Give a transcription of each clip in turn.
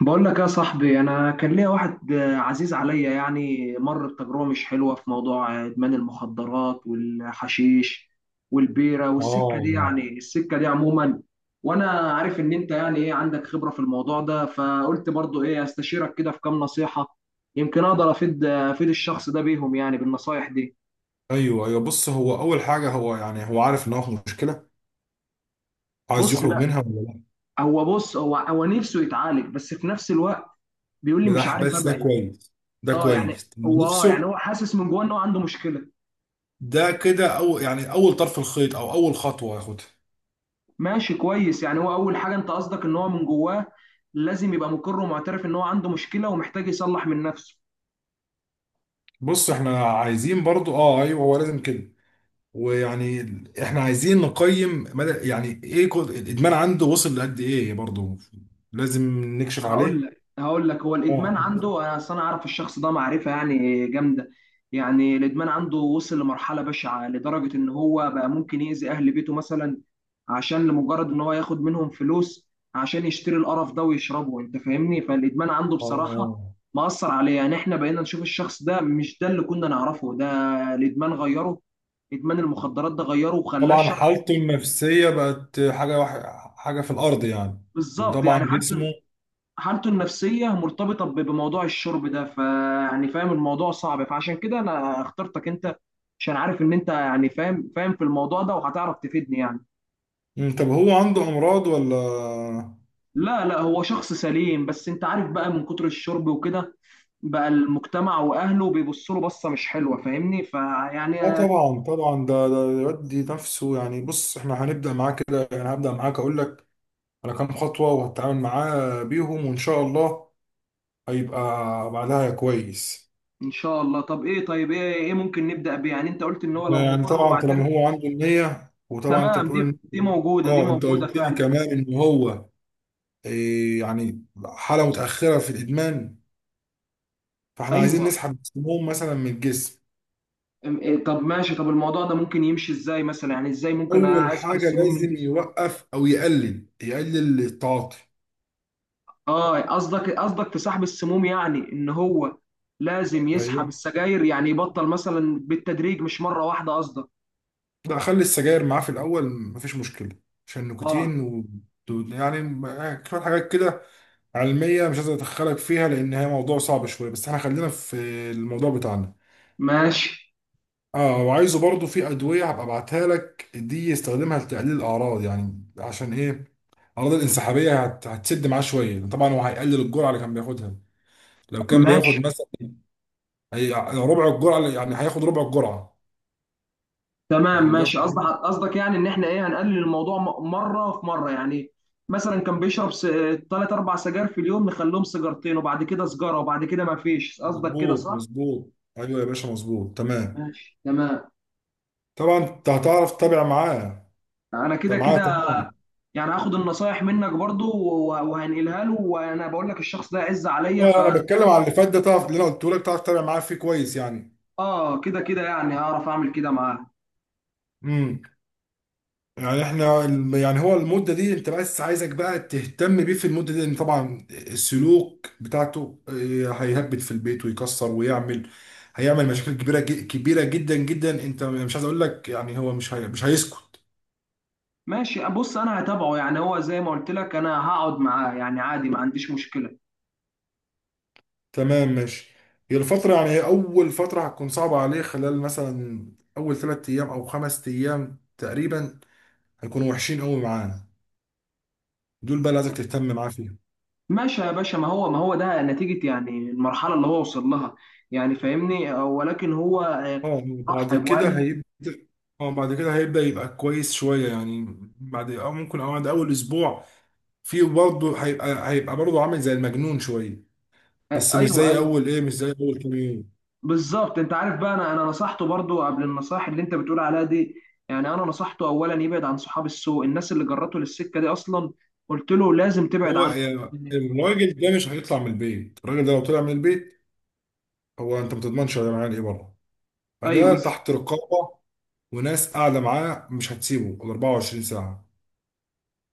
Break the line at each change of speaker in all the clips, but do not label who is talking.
بقول لك يا صاحبي، انا كان ليا واحد عزيز عليا، يعني مر بتجربه مش حلوه في موضوع ادمان المخدرات والحشيش والبيره والسكه دي،
اه
يعني السكه دي عموما. وانا عارف ان انت يعني ايه عندك خبره في الموضوع ده، فقلت برضو ايه استشيرك كده في كام نصيحه، يمكن اقدر افيد الشخص ده بيهم، يعني بالنصايح دي.
ايوه بص هو اول حاجه، هو عارف ان هو في مشكله، عايز
بص
يخرج
لا،
منها ولا لا؟
هو بص، هو نفسه يتعالج بس في نفس الوقت بيقول لي مش عارف
بس ده
ابعد.
كويس. ده
اه يعني.
كويس
هو اه يعني
نفسه
هو حاسس من جوه ان هو عنده مشكله.
ده، كده او يعني اول طرف الخيط او اول خطوه ياخدها.
ماشي كويس، يعني هو اول حاجه انت قصدك ان هو من جواه لازم يبقى مقر ومعترف ان هو عنده مشكله ومحتاج يصلح من نفسه.
بص احنا عايزين برضو، اه ايوه هو لازم كده. ويعني احنا عايزين نقيم مدى يعني ايه الادمان عنده وصل لقد ايه برضو. لازم نكشف
هقول
عليه.
لك هقول لك هو الادمان
اه
عنده، انا اصل انا عارف الشخص ده معرفه يعني جامده. يعني الادمان عنده وصل لمرحله بشعه، لدرجه ان هو بقى ممكن يأذي اهل بيته مثلا عشان لمجرد ان هو ياخد منهم فلوس عشان يشتري القرف ده ويشربه، انت فاهمني. فالادمان عنده بصراحه
اه.
مأثر عليه، يعني احنا بقينا نشوف الشخص ده مش ده اللي كنا نعرفه، ده الادمان غيره، ادمان المخدرات ده غيره وخلاه
طبعا
شخص.
حالته النفسية بقت حاجة في الأرض يعني،
بالظبط
وطبعا
يعني حالته
جسمه.
حالته النفسيه مرتبطه بموضوع الشرب ده، فيعني فاهم، الموضوع صعب، فعشان كده انا اخترتك انت عشان عارف ان انت يعني فاهم في الموضوع ده وهتعرف تفيدني يعني.
طب هو عنده أمراض ولا؟
لا لا، هو شخص سليم، بس انت عارف بقى من كتر الشرب وكده بقى المجتمع واهله بيبصوا له بصه مش حلوه، فاهمني،
اه
فيعني.
طبعا طبعا، ده يودي نفسه يعني. بص احنا هنبدأ معاه كده، يعني هبدأ معاك أقول لك على كام خطوة وهتعامل معاه بيهم، وإن شاء الله هيبقى بعدها كويس.
ان شاء الله. طب ايه، طيب ايه، ايه ممكن نبدا بيه؟ يعني انت قلت ان هو لو
يعني
مقر
طبعا طالما
ومعترف.
هو عنده النية، وطبعا أنت
تمام، دي
بتقول
دي
إن،
موجوده، دي
اه انت
موجوده
قلت لي
فعلا.
كمان ان هو إيه، يعني حاله متاخره في الادمان، فاحنا عايزين
ايوه.
نسحب السموم مثلا من الجسم.
إيه، طب ماشي، طب الموضوع ده ممكن يمشي ازاي مثلا؟ يعني ازاي ممكن
اول
اسحب
حاجه
السموم من
لازم
جسمي؟
يوقف او يقلل، التعاطي.
اه قصدك في سحب السموم، يعني ان هو لازم
ايوه
يسحب السجاير، يعني يبطل مثلا بالتدريج مش مرة واحدة قصدك.
لا، خلي السجاير معاه في الاول مفيش مشكله، عشان
اه
النيكوتين و... يعني شويه حاجات كده علميه مش عايز ادخلك فيها لان هي موضوع صعب شويه، بس احنا خلينا في الموضوع بتاعنا.
ماشي.
اه وعايزه برضو في ادويه هبقى ابعتها لك دي، يستخدمها لتقليل الاعراض، يعني عشان ايه الاعراض الانسحابيه هتسد معاه شويه. طبعا هو هيقلل الجرعه اللي كان بياخدها. لو كان بياخد
ماشي
مثلا، هي ربع الجرعه يعني هياخد ربع الجرعه.
تمام
فكان
ماشي
بياخد،
قصدك يعني ان احنا ايه، هنقلل الموضوع مرة في مرة يعني. مثلا كان بيشرب ثلاث اربع سجاير في اليوم، نخليهم سيجارتين، وبعد كده سجارة، وبعد كده ما فيش. قصدك كده
مظبوط
صح؟
مظبوط، ايوه يا باشا مظبوط تمام.
ماشي تمام.
طبعا انت هتعرف تتابع معاه،
انا كده
انت معاه
كده
تمام.
يعني هاخد النصايح منك برضو وهنقلها له، وانا بقول لك الشخص ده عز عليا،
اه انا بتكلم على اللي فات ده، تعرف اللي انا قلته لك تعرف تتابع معاه فيه كويس يعني.
اه كده كده يعني هعرف اعمل كده معاه.
امم يعني احنا يعني هو المده دي، انت بس عايزك بقى تهتم بيه في المده دي، لان طبعا السلوك بتاعته هيهبط في البيت ويكسر ويعمل، هيعمل مشاكل كبيره جدا جدا، انت مش عايز اقول لك، يعني هو مش هيسكت.
ماشي. بص انا هتابعه، يعني هو زي ما قلت لك انا هقعد معاه، يعني عادي، ما عنديش مشكلة.
تمام ماشي. هي الفترة، يعني هي أول فترة هتكون صعبة عليه، خلال مثلا أول ثلاث أيام أو خمس أيام تقريبا، هيكونوا وحشين أوي معانا. دول بقى اللي عايزك تهتم معاه فيهم.
ماشي يا باشا. ما هو ده نتيجة يعني المرحلة اللي هو وصل لها، يعني فاهمني. ولكن هو
اه بعد
رحب وقال
كده
لي
هيبدأ، اه بعد كده هيبدأ يبقى كويس شوية، يعني بعد أو ممكن أو بعد أول أسبوع فيه برضه، هيبقى، برضه عامل زي المجنون شوية، بس مش
ايوه
زي أول إيه، مش زي أول كام يوم.
بالظبط. انت عارف بقى، انا نصحته برضو قبل النصائح اللي انت بتقول عليها دي، يعني انا نصحته اولا يبعد عن صحاب السوء، الناس اللي جرته للسكه دي اصلا، قلت له لازم تبعد
هو
عنه.
يعني الراجل ده مش هيطلع من البيت. الراجل ده لو طلع من البيت، هو أنت ما تضمنش هيعمل إيه بره.
ايوه
فده
بالظبط.
تحت رقابة، وناس قاعدة معاه مش هتسيبه ال 24 ساعة.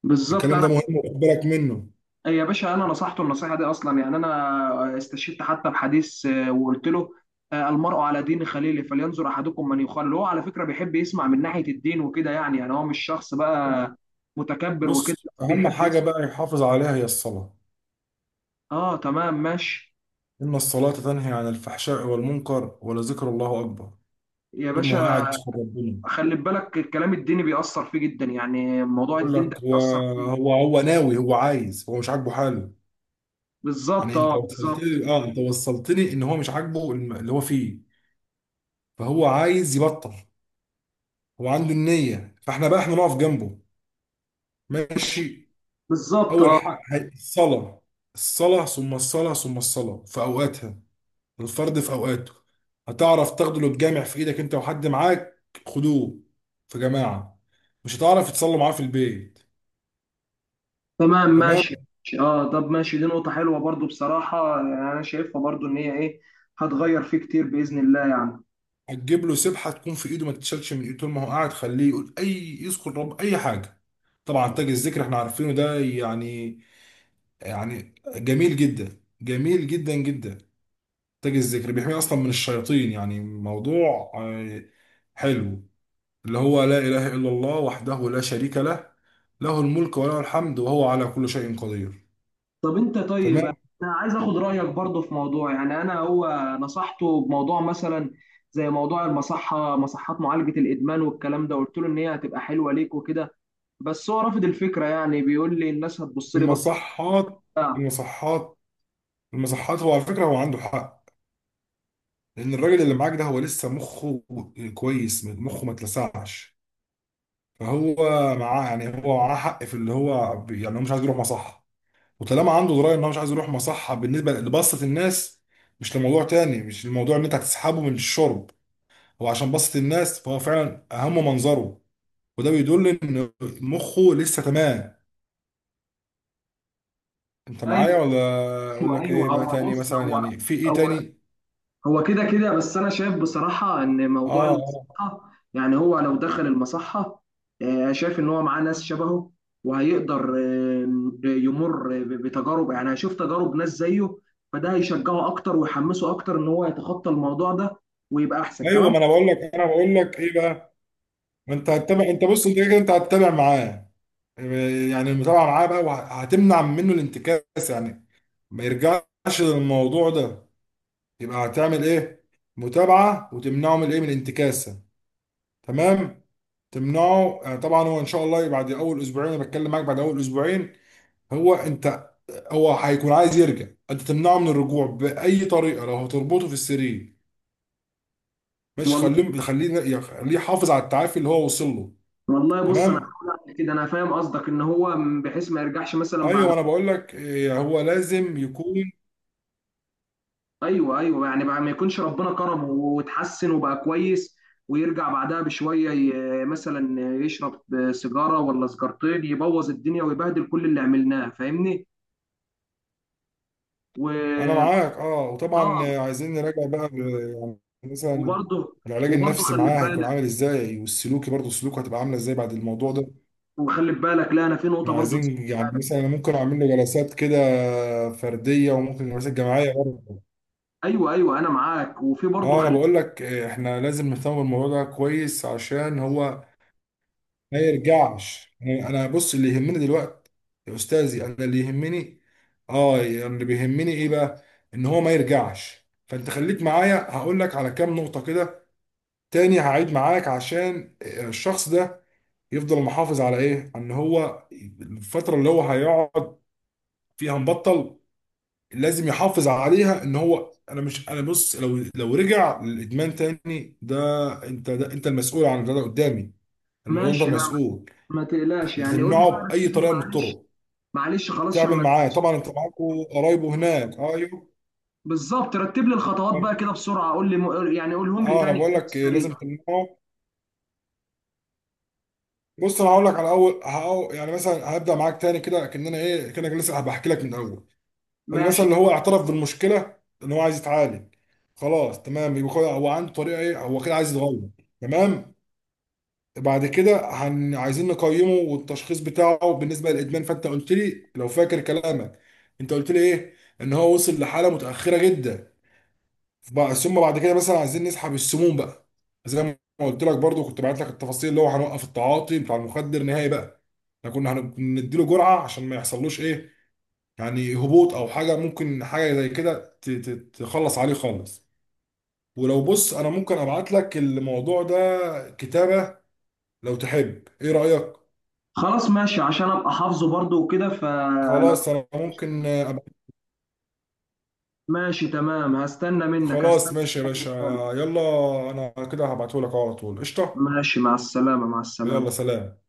بالظبط
الكلام ده
انا
مهم وخد بالك منه.
يا باشا، انا نصحته النصيحه دي اصلا، يعني انا استشهدت حتى بحديث وقلت له المرء على دين خليله فلينظر احدكم من يخلل. هو على فكره بيحب يسمع من ناحيه الدين وكده، يعني هو مش شخص بقى متكبر وكده،
بص أهم
بيحب
حاجة
يسمع.
بقى يحافظ عليها هي الصلاة.
اه تمام ماشي.
إن الصلاة تنهي عن الفحشاء والمنكر، ولذكر الله أكبر.
يا
طول ما هو
باشا
قاعد يذكر ربنا،
خلي بالك، الكلام الديني بيأثر فيه جدا، يعني موضوع
يقول
الدين ده
لك هو،
بيأثر فيه.
هو ناوي، هو عايز، هو مش عاجبه حاله.
بالظبط
يعني أنت
اه، بالظبط.
وصلتني، أه أنت وصلتني إن هو مش عاجبه اللي هو فيه، فهو عايز يبطل. هو عنده النية، فإحنا بقى إحنا نقف جنبه، ماشي؟
بالظبط
أول
اه
حق الصلاة. الصلاة، ثم الصلاة، ثم الصلاة في أوقاتها، الفرد في أوقاته. هتعرف تاخده، لو تجامع في إيدك أنت وحد معاك، خدوه في جماعة. مش هتعرف تصلوا معاه في البيت؟
تمام
تمام.
ماشي. ماشي. اه طب ماشي، دي نقطة حلوة برضو بصراحة، يعني انا شايفها برضو ان هي ايه، هتغير فيه كتير بإذن الله يعني.
هتجيب له سبحة تكون في إيده ما تتشالش من إيده. طول ما هو قاعد، خليه يقول، أي يذكر رب، أي حاجة. طبعا تاج الذكر احنا عارفينه ده يعني، يعني جميل جدا، جدا. تاج الذكر بيحميه أصلا من الشياطين، يعني موضوع حلو. اللي هو لا إله إلا الله وحده لا شريك له، له الملك وله الحمد وهو على كل شيء قدير.
طب انت،
تمام.
طيب انا عايز اخد رأيك برضو في موضوع، يعني انا هو نصحته بموضوع مثلا زي موضوع مصحات معالجة الإدمان والكلام ده، قلت له ان هي هتبقى حلوة ليك وكده، بس هو رافض الفكرة، يعني بيقول لي الناس هتبص لي بصة
المصحات.
بتاع.
المصحات المصحات هو على فكرة هو عنده حق، لأن الراجل اللي معاك ده هو لسه مخه كويس، مخه ما اتلسعش. فهو معاه، يعني هو معاه حق في اللي هو يعني هو مش عايز يروح مصحة. وطالما عنده دراية إن هو مش عايز يروح مصحة بالنسبة لبسط الناس، مش لموضوع تاني، مش الموضوع إن أنت هتسحبه من الشرب، هو عشان بسط الناس، فهو فعلا أهم منظره. وده بيدل ان مخه لسه تمام. انت معايا ولا؟ اقول
ايوه
لك ايه
ايوه.
بقى
هو
تاني،
بص،
مثلا يعني في ايه
هو
تاني؟
هو كده كده، بس انا شايف بصراحه ان
اه
موضوع
آه.
المصحه، يعني هو لو دخل المصحه شايف ان هو معاه ناس شبهه، وهيقدر يمر بتجارب، يعني هيشوف تجارب ناس زيه، فده هيشجعه اكتر ويحمسه اكتر ان هو يتخطى الموضوع ده ويبقى احسن
ايوه،
كمان.
ما انا بقول لك، ايه بقى، ما انت هتتابع. انت بص، انت كده كده انت هتتابع معاه، يعني المتابعه معاه بقى، وهتمنع منه الانتكاس، يعني ما يرجعش للموضوع ده. يبقى هتعمل ايه، متابعه، وتمنعه من ايه، من الانتكاسه. تمام. تمنعه، طبعا هو ان شاء الله بعد اول اسبوعين، انا بتكلم معاك بعد اول اسبوعين، هو انت هو هيكون عايز يرجع. انت تمنعه من الرجوع باي طريقه، لو هتربطه في السرير مش،
والله
خليه يحافظ على التعافي اللي هو وصل له.
والله، بص انا
تمام.
هحاول أعمل كده، انا فاهم قصدك ان هو بحيث ما يرجعش مثلا بعد.
ايوه انا بقول لك هو لازم يكون،
ايوه ايوه، يعني بقى ما يكونش ربنا كرمه وتحسن وبقى كويس، ويرجع بعدها بشويه مثلا يشرب سيجاره ولا سيجارتين، يبوظ الدنيا ويبهدل كل اللي عملناه فاهمني.
انا
و
معاك. اه وطبعا
اه
عايزين نراجع بقى يعني مثلا،
وبرضه
العلاج
وبرضه
النفسي
خلي
معاه هيكون
بالك،
عامل ازاي، والسلوكي برضه، سلوكه هتبقى عامله ازاي بعد الموضوع ده.
وخلي بالك. لا انا في نقطه
احنا
برضه نسيت.
عايزين يعني مثلا، أنا ممكن اعمل له جلسات كده فرديه، وممكن جلسات جماعيه برضه.
ايوه ايوه انا معاك، وفي برضه
اه انا
خلي.
بقول لك احنا لازم نهتم بالموضوع ده كويس عشان هو ما يرجعش. يعني انا بص، اللي يهمني دلوقتي يا استاذي، انا اللي يهمني، اه يعني اللي بيهمني ايه بقى، ان هو ما يرجعش. فانت خليك معايا، هقول لك على كام نقطة كده تاني، هعيد معاك، عشان الشخص ده يفضل محافظ على ايه، ان هو الفترة اللي هو هيقعد فيها مبطل، لازم يحافظ عليها. ان هو انا مش انا بص لو، رجع للادمان تاني ده، انت، ده انت المسؤول عن ده. ده قدامي الموضوع، انت
ماشي لا،
المسؤول.
ما تقلقش
انت
يعني، قول لي
تمنعه
بقى،
باي
رتب لي،
طريقه من
معلش
الطرق
معلش خلاص عشان
تعمل
ما
معاه.
انساش.
طبعا انت معاكوا قرايبه هناك، ايوه.
بالظبط، رتب لي الخطوات بقى
طب-
كده بسرعه، قول لي يعني، قولهم لي
اه انا
تاني
بقول
كده في
لك لازم
السريع.
تمنعه. بص انا هقول لك على اول، يعني مثلا هبدا معاك تاني كده، كاننا ايه، كانك لسه بحكي لك من الاول. اللي
ماشي
مثلا اللي هو اعترف بالمشكله، ان هو عايز يتعالج، خلاص تمام، يبقى هو هو عنده طريقه ايه، هو كده عايز يتغير. تمام. بعد كده عايزين نقيمه، والتشخيص بتاعه بالنسبه للادمان، فانت قلت لي لو فاكر كلامك، انت قلت لي ايه، ان هو وصل لحاله متاخره جدا، بقى. ثم بعد كده مثلا عايزين نسحب السموم بقى، زي ما قلت لك برضو كنت بعت لك التفاصيل، اللي هو هنوقف التعاطي بتاع المخدر نهائي بقى. احنا كنا هنديله جرعه عشان ما يحصلوش ايه، يعني هبوط او حاجه، ممكن حاجه زي كده تخلص عليه خالص. ولو بص انا ممكن ابعت لك الموضوع ده كتابه لو تحب، ايه رايك؟
خلاص، ماشي عشان ابقى حافظه برضه وكده،
خلاص انا ممكن أبقى...
ماشي تمام، هستنى منك،
خلاص ماشي يا باشا.
رسالة
يلا انا كده هبعتهولك أهو على طول، قشطه.
ماشي، مع السلامة، مع السلامة.
يلا سلام.